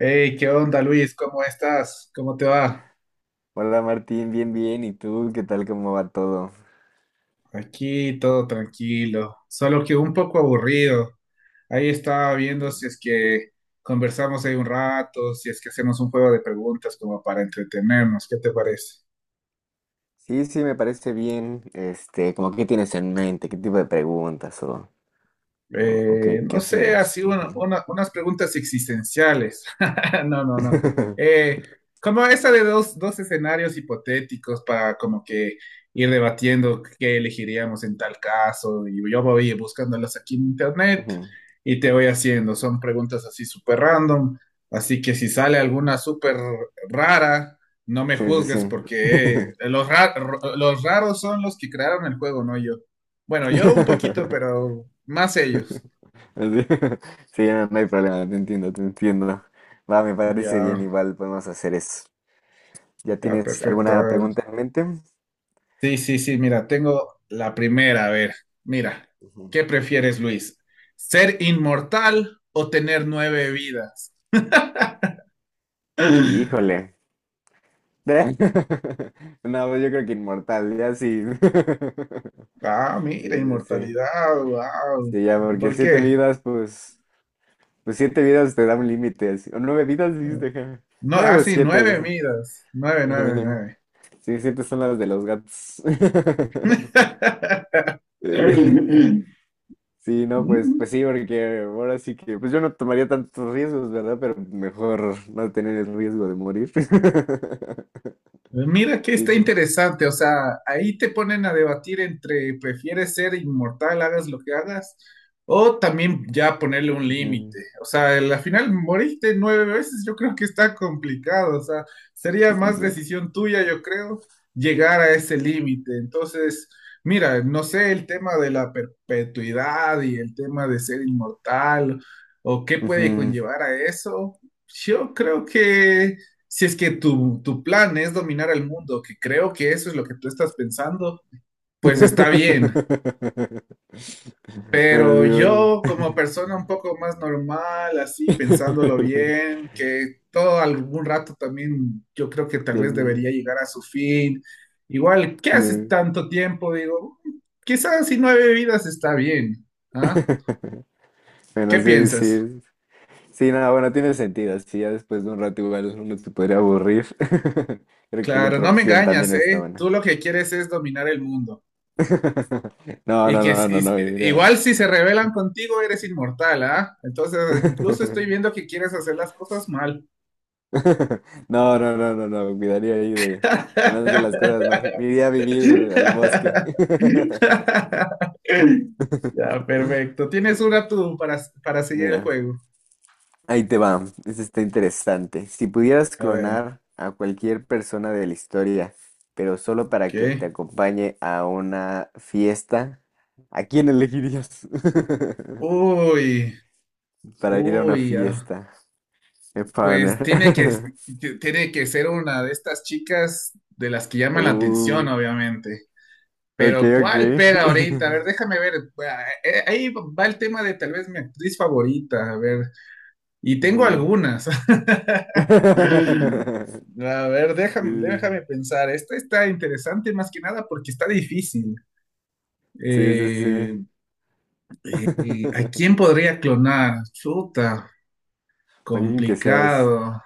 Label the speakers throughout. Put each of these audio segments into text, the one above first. Speaker 1: Hey, ¿qué onda, Luis? ¿Cómo estás? ¿Cómo te va?
Speaker 2: Hola Martín, bien, bien. ¿Y tú qué tal? ¿Cómo va todo?
Speaker 1: Aquí todo tranquilo, solo que un poco aburrido. Ahí estaba viendo si es que conversamos ahí un rato, si es que hacemos un juego de preguntas como para entretenernos. ¿Qué te parece?
Speaker 2: Sí, sí, me parece bien. Este, como qué tienes en mente, qué tipo de preguntas o qué, qué
Speaker 1: No sé,
Speaker 2: hacemos.
Speaker 1: así
Speaker 2: Ujú.
Speaker 1: unas preguntas existenciales. No, no, no. Eh, Como esa de dos escenarios hipotéticos para como que ir debatiendo qué elegiríamos en tal caso. Y yo voy buscándolas aquí en internet
Speaker 2: Ujú.
Speaker 1: y te voy haciendo. Son preguntas así súper random. Así que si sale alguna súper rara, no me
Speaker 2: Sí, sí, sí.
Speaker 1: juzgues porque eh, los, ra- los raros son los que crearon el juego, no yo. Bueno, yo un poquito, pero más ellos.
Speaker 2: Así. Sí, no, no hay problema, te entiendo, te entiendo. Va, me parece
Speaker 1: Ya,
Speaker 2: bien, igual podemos hacer eso. ¿Ya
Speaker 1: ya,
Speaker 2: tienes
Speaker 1: perfecto.
Speaker 2: alguna
Speaker 1: A ver.
Speaker 2: pregunta en mente?
Speaker 1: Sí, sí, sí, mira, tengo la primera. A ver, mira,
Speaker 2: Ujú.
Speaker 1: ¿qué prefieres, Luis? ¿Ser inmortal o tener nueve vidas?
Speaker 2: Híjole. No, pues yo creo que inmortal, ya sí.
Speaker 1: Ah,
Speaker 2: Sí,
Speaker 1: mira,
Speaker 2: sí, sí.
Speaker 1: inmortalidad, wow.
Speaker 2: Sí, ya,
Speaker 1: ¿Y
Speaker 2: porque
Speaker 1: por
Speaker 2: siete
Speaker 1: qué?
Speaker 2: vidas, pues, pues siete vidas te da un límite, así. O nueve vidas, dijiste, ja.
Speaker 1: No, ah,
Speaker 2: Nueve o
Speaker 1: Sí,
Speaker 2: siete. No
Speaker 1: nueve
Speaker 2: sé.
Speaker 1: vidas. Nueve, nueve,
Speaker 2: Ajá.
Speaker 1: nueve.
Speaker 2: Sí, siete son las de los gatos. Eh, Sí, no, pues, pues sí, porque ahora sí que, pues yo no tomaría tantos riesgos, ¿verdad? Pero mejor no tener el riesgo de morir.
Speaker 1: Mira que
Speaker 2: Sí,
Speaker 1: está
Speaker 2: te-
Speaker 1: interesante, o sea, ahí te ponen a debatir entre prefieres ser inmortal, hagas lo que hagas, o también ya ponerle un
Speaker 2: Ujú.
Speaker 1: límite. O sea, al final moriste nueve veces, yo creo que está complicado, o sea, sería más
Speaker 2: Sí.
Speaker 1: decisión tuya, yo creo, llegar a ese límite. Entonces, mira, no sé el tema de la perpetuidad y el tema de ser inmortal, o qué puede
Speaker 2: Ujú.
Speaker 1: conllevar a eso. Yo creo que si es que tu plan es dominar el mundo, que creo que eso es lo que tú estás pensando, pues está bien.
Speaker 2: Bueno, sí,
Speaker 1: Pero
Speaker 2: vale.
Speaker 1: yo como persona un poco más normal, así pensándolo bien, que todo algún rato también yo creo que tal vez
Speaker 2: Termina.
Speaker 1: debería llegar a su fin. Igual, ¿qué haces
Speaker 2: No.
Speaker 1: tanto tiempo? Digo, quizás si nueve vidas está bien. ¿Ah?
Speaker 2: Bueno,
Speaker 1: ¿Qué
Speaker 2: sí, sí.
Speaker 1: piensas?
Speaker 2: Es- Sí, nada, bueno, tiene sentido. Si ya después de un rato igual uno se podría aburrir. Creo que la
Speaker 1: Claro,
Speaker 2: otra
Speaker 1: no me
Speaker 2: opción también
Speaker 1: engañas,
Speaker 2: está
Speaker 1: ¿eh?
Speaker 2: buena.
Speaker 1: Tú lo que quieres es dominar el mundo.
Speaker 2: No,
Speaker 1: Y
Speaker 2: no,
Speaker 1: que
Speaker 2: no, no, no, mira.
Speaker 1: igual si se rebelan contigo eres inmortal, ¿ah? Entonces incluso estoy viendo que quieres hacer las cosas mal.
Speaker 2: No, no, no, no, no, cuidaría ahí de una de las cosas más. Me iría a vivir al bosque.
Speaker 1: Ya, perfecto. Tienes una tú para seguir el
Speaker 2: Mira.
Speaker 1: juego.
Speaker 2: Ahí te va, eso está interesante. Si pudieras
Speaker 1: A ver,
Speaker 2: clonar a cualquier persona de la historia, pero solo
Speaker 1: ok.
Speaker 2: para que te acompañe a una fiesta, ¿a quién elegirías?
Speaker 1: Uy,
Speaker 2: Para ir a una
Speaker 1: uy, ah,
Speaker 2: fiesta,
Speaker 1: Pues
Speaker 2: partner.
Speaker 1: tiene que ser una de estas chicas de las que llaman la atención,
Speaker 2: Uh,
Speaker 1: obviamente.
Speaker 2: ok,
Speaker 1: Pero
Speaker 2: ok.
Speaker 1: ¿cuál pega ahorita? A ver, déjame ver. Ahí va el tema de tal vez mi actriz favorita. A ver, y tengo
Speaker 2: Ujú.
Speaker 1: algunas. A ver, déjame pensar. Esta está interesante más que nada porque está difícil.
Speaker 2: Sí, sí, sí,
Speaker 1: Eh,
Speaker 2: sí.
Speaker 1: ¿A quién podría clonar? Chuta,
Speaker 2: Alguien que seas.
Speaker 1: complicado.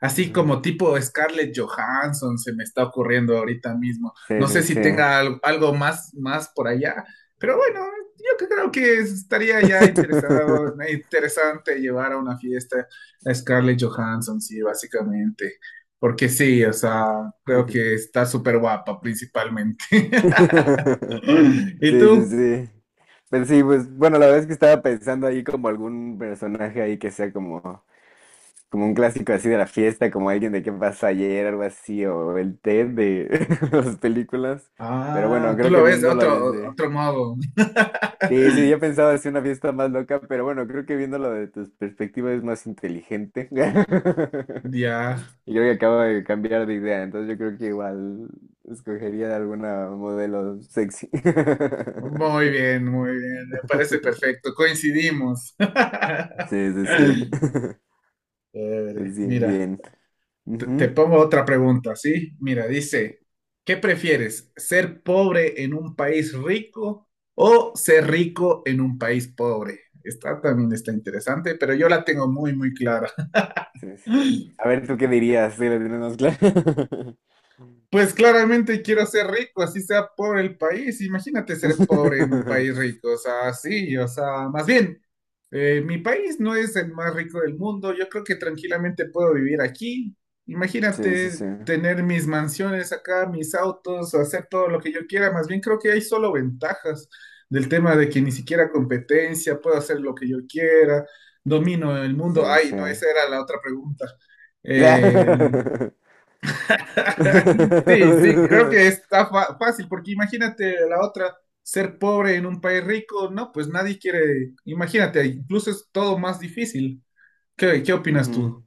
Speaker 1: Así
Speaker 2: Ujú.
Speaker 1: como tipo Scarlett Johansson se me está ocurriendo ahorita mismo. No sé
Speaker 2: Sí,
Speaker 1: si
Speaker 2: sí,
Speaker 1: tenga algo más, más por allá, pero bueno, yo que creo que estaría ya interesado, interesante llevar a una fiesta a Scarlett Johansson, sí, básicamente. Porque sí, o sea,
Speaker 2: sí.
Speaker 1: creo que está súper guapa principalmente. ¿Y
Speaker 2: Sí, sí,
Speaker 1: tú?
Speaker 2: sí. Pero sí, pues bueno, la verdad es que estaba pensando ahí como algún personaje ahí que sea como, como un clásico así de la fiesta, como alguien de qué pasó ayer, algo así, o el Ted de las películas. Pero bueno,
Speaker 1: Ah, tú
Speaker 2: creo que
Speaker 1: lo ves de
Speaker 2: viéndolo desde...
Speaker 1: otro modo.
Speaker 2: Sí, sí, yo pensaba hacer una fiesta más loca, pero bueno, creo que viéndolo de tus perspectivas es más inteligente.
Speaker 1: Ya.
Speaker 2: Y creo que acabo de cambiar de idea, entonces yo creo que igual escogería alguna modelo sexy.
Speaker 1: Muy bien, muy bien. Me parece perfecto. Coincidimos.
Speaker 2: Sí, sí, sí.
Speaker 1: Chévere.
Speaker 2: Pues bien,
Speaker 1: Mira,
Speaker 2: bien.
Speaker 1: te
Speaker 2: Ujú.
Speaker 1: pongo otra pregunta, ¿sí? Mira, dice, ¿qué prefieres? ¿Ser pobre en un país rico o ser rico en un país pobre? Esta también está interesante, pero yo la tengo muy, muy clara.
Speaker 2: Sí, sí. A ver, ¿tú qué dirías? Sí, la tienes más clara.
Speaker 1: Pues claramente quiero ser rico, así sea pobre el país. Imagínate ser pobre en un país rico, o sea, sí, o sea, más bien, mi país no es el más rico del mundo, yo creo que tranquilamente puedo vivir aquí.
Speaker 2: Sí, sí, sí.
Speaker 1: Imagínate tener mis mansiones acá, mis autos, hacer todo lo que yo quiera, más bien creo que hay solo ventajas del tema de que ni siquiera competencia, puedo hacer lo que yo quiera, domino el mundo.
Speaker 2: Sí,
Speaker 1: Ay,
Speaker 2: sí.
Speaker 1: no, esa era la otra pregunta. Eh, Sí, sí, creo que está fácil, porque imagínate la otra, ser pobre en un país rico, no, pues nadie quiere, imagínate, incluso es todo más difícil. ¿Qué, qué opinas tú?
Speaker 2: Ujú.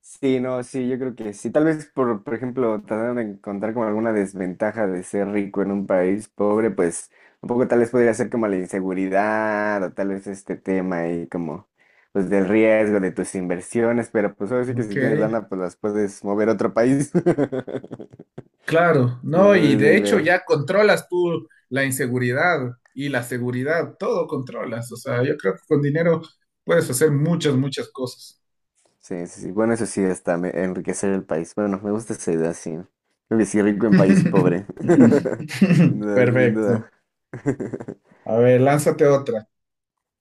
Speaker 2: Sí, no, sí, yo creo que sí. Tal vez por ejemplo, tratar de encontrar como alguna desventaja de ser rico en un país pobre, pues un poco tal vez podría ser como la inseguridad o tal vez este tema ahí como pues del riesgo de tus inversiones, pero pues ahora sí que
Speaker 1: Ok,
Speaker 2: si tienes lana pues las puedes mover a otro país.
Speaker 1: claro,
Speaker 2: Sí,
Speaker 1: no, y
Speaker 2: puedes
Speaker 1: de
Speaker 2: ahí
Speaker 1: hecho
Speaker 2: ver.
Speaker 1: ya controlas tú la inseguridad y la seguridad, todo controlas, o sea, yo creo que con dinero puedes hacer muchas, muchas cosas.
Speaker 2: Sí, sí, sí. Bueno, eso sí está, me- enriquecer el país. Bueno, me gusta esa idea, sí. Creo que sí, rico en país pobre. Sin duda, sin
Speaker 1: Perfecto.
Speaker 2: duda.
Speaker 1: A ver, lánzate otra.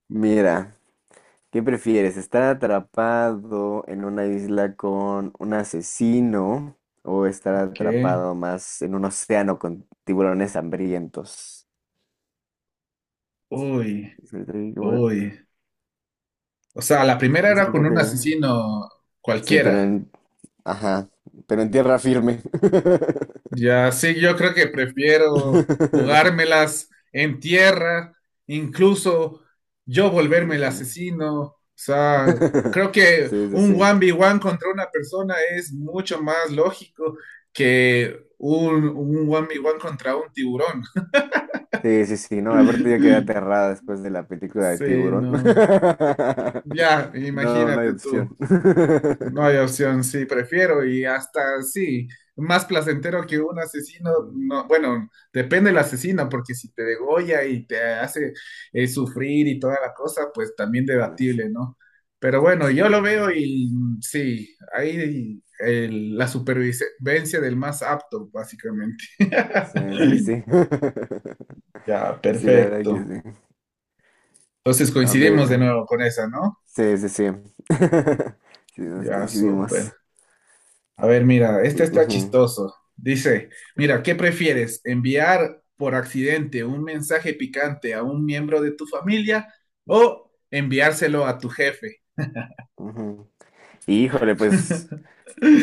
Speaker 2: Mira. ¿Qué prefieres? ¿Estar atrapado en una isla con un asesino o estar
Speaker 1: Ok,
Speaker 2: atrapado más en un océano con tiburones hambrientos?
Speaker 1: uy,
Speaker 2: Es el trigo,
Speaker 1: uy. O sea, la primera
Speaker 2: no sé
Speaker 1: era con
Speaker 2: por
Speaker 1: un
Speaker 2: qué.
Speaker 1: asesino
Speaker 2: Sí, pero
Speaker 1: cualquiera.
Speaker 2: en... Ajá, pero en tierra firme.
Speaker 1: Ya sí, yo creo que prefiero jugármelas en tierra, incluso yo volverme
Speaker 2: Sí,
Speaker 1: el
Speaker 2: sí.
Speaker 1: asesino. O sea, creo que
Speaker 2: Sí, sí,
Speaker 1: un
Speaker 2: sí.
Speaker 1: 1v1 contra una persona es mucho más lógico que un 1v1 contra un tiburón.
Speaker 2: Sí, sí, sí, no, aparte yo quedé aterrada después de la película de
Speaker 1: Sí,
Speaker 2: Tiburón.
Speaker 1: no. Ya,
Speaker 2: No, no hay
Speaker 1: imagínate tú.
Speaker 2: opción.
Speaker 1: No hay opción, sí, prefiero y hasta sí, más placentero que un asesino,
Speaker 2: Ujú.
Speaker 1: no, bueno, depende del asesino, porque si te degolla y te hace sufrir y toda la cosa, pues también
Speaker 2: No sé.
Speaker 1: debatible, ¿no? Pero bueno,
Speaker 2: Sí,
Speaker 1: yo lo
Speaker 2: sí,
Speaker 1: veo y mm, sí, ahí la supervivencia del más apto, básicamente.
Speaker 2: sí. Sí, sí, sí.
Speaker 1: Ya,
Speaker 2: Sí, la verdad
Speaker 1: perfecto.
Speaker 2: que sí.
Speaker 1: Entonces
Speaker 2: A
Speaker 1: coincidimos
Speaker 2: ver.
Speaker 1: de nuevo con esa, ¿no?
Speaker 2: Sí, sí, sí. Sí, nos
Speaker 1: Ya, súper.
Speaker 2: coincidimos.
Speaker 1: A ver, mira, este está
Speaker 2: Ujú,
Speaker 1: chistoso. Dice, mira, ¿qué prefieres? ¿Enviar por accidente un mensaje picante a un miembro de tu familia o enviárselo a tu jefe?
Speaker 2: ujú. Híjole, pues,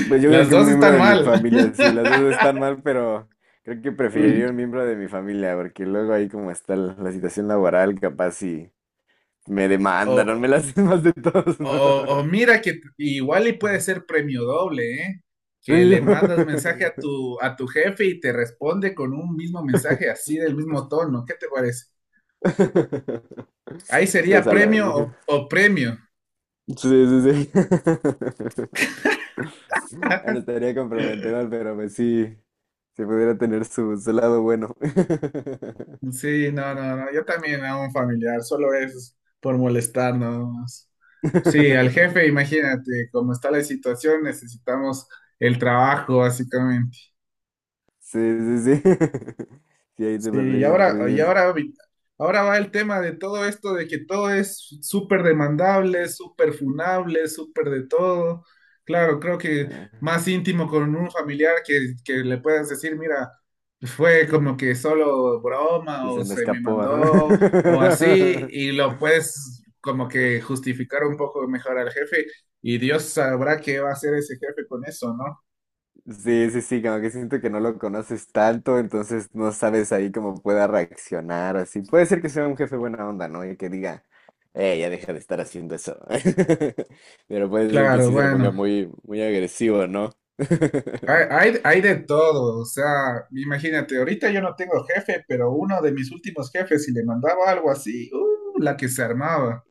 Speaker 2: pues yo creo
Speaker 1: Las
Speaker 2: que un
Speaker 1: dos
Speaker 2: miembro
Speaker 1: están
Speaker 2: de mi
Speaker 1: mal.
Speaker 2: familia, sí, las dos están mal, pero creo que preferiría un miembro de mi familia, porque luego ahí como está la situación laboral, capaz y me demandan, o me
Speaker 1: O,
Speaker 2: las hacen más de todos, ¿no?
Speaker 1: o mira que igual y puede ser premio doble, ¿eh? Que
Speaker 2: Premio.
Speaker 1: le mandas mensaje a a tu jefe y te responde con un mismo mensaje así del mismo tono. ¿Qué te parece? Ahí
Speaker 2: Pues
Speaker 1: sería
Speaker 2: a la
Speaker 1: premio
Speaker 2: mía.
Speaker 1: o premio.
Speaker 2: Sí, sí, sí. Ahora estaría comprometedor, pero pues sí, si pudiera tener su, su lado bueno.
Speaker 1: Sí, no, no, no, yo también a un familiar, solo es por molestar nada más. Sí, al jefe, imagínate, como está la situación, necesitamos el trabajo, básicamente.
Speaker 2: Sí, sí, sí. Sí, ahí te
Speaker 1: Sí,
Speaker 2: pondría en
Speaker 1: y
Speaker 2: riesgo.
Speaker 1: ahora, ahora va el tema de todo esto, de que todo es súper demandable, súper funable, súper de todo. Claro, creo que
Speaker 2: Ah,
Speaker 1: más íntimo con un familiar que le puedas decir, mira, fue como que solo broma
Speaker 2: Y
Speaker 1: o
Speaker 2: se me
Speaker 1: se me
Speaker 2: escapó,
Speaker 1: mandó o así,
Speaker 2: ajá.
Speaker 1: y lo puedes como que justificar un poco mejor al jefe y Dios sabrá qué va a hacer ese jefe con eso, ¿no?
Speaker 2: Sí, sí, sí, como que siento que no lo conoces tanto, entonces no sabes ahí cómo pueda reaccionar, así. Puede ser que sea un jefe buena onda, ¿no? Y que diga, ya deja de estar haciendo eso. Pero puede ser que
Speaker 1: Claro,
Speaker 2: sí se ponga
Speaker 1: bueno.
Speaker 2: muy, muy agresivo, ¿no?
Speaker 1: Hay, Hay de todo, o sea, imagínate, ahorita yo no tengo jefe, pero uno de mis últimos jefes, si le mandaba algo así, ¡uh! La que se armaba.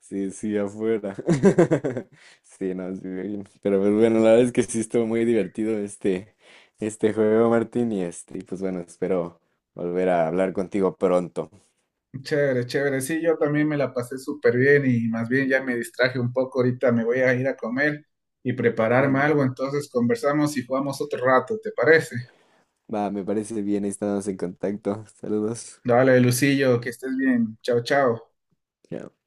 Speaker 2: Sí, sí, afuera. Sí, no, sí, me imagino. Pero pues bueno, la verdad es que sí estuvo muy divertido este, este juego, Martín, y este, y pues bueno, espero volver a hablar contigo pronto.
Speaker 1: Chévere, chévere, sí, yo también me la pasé súper bien y más bien ya me distraje un poco, ahorita me voy a ir a comer y prepararme algo, entonces conversamos y jugamos otro rato, ¿te parece?
Speaker 2: Va, me parece bien, ahí estamos en contacto. Saludos.
Speaker 1: Dale, Lucillo, que estés bien, chao, chao.
Speaker 2: Ya.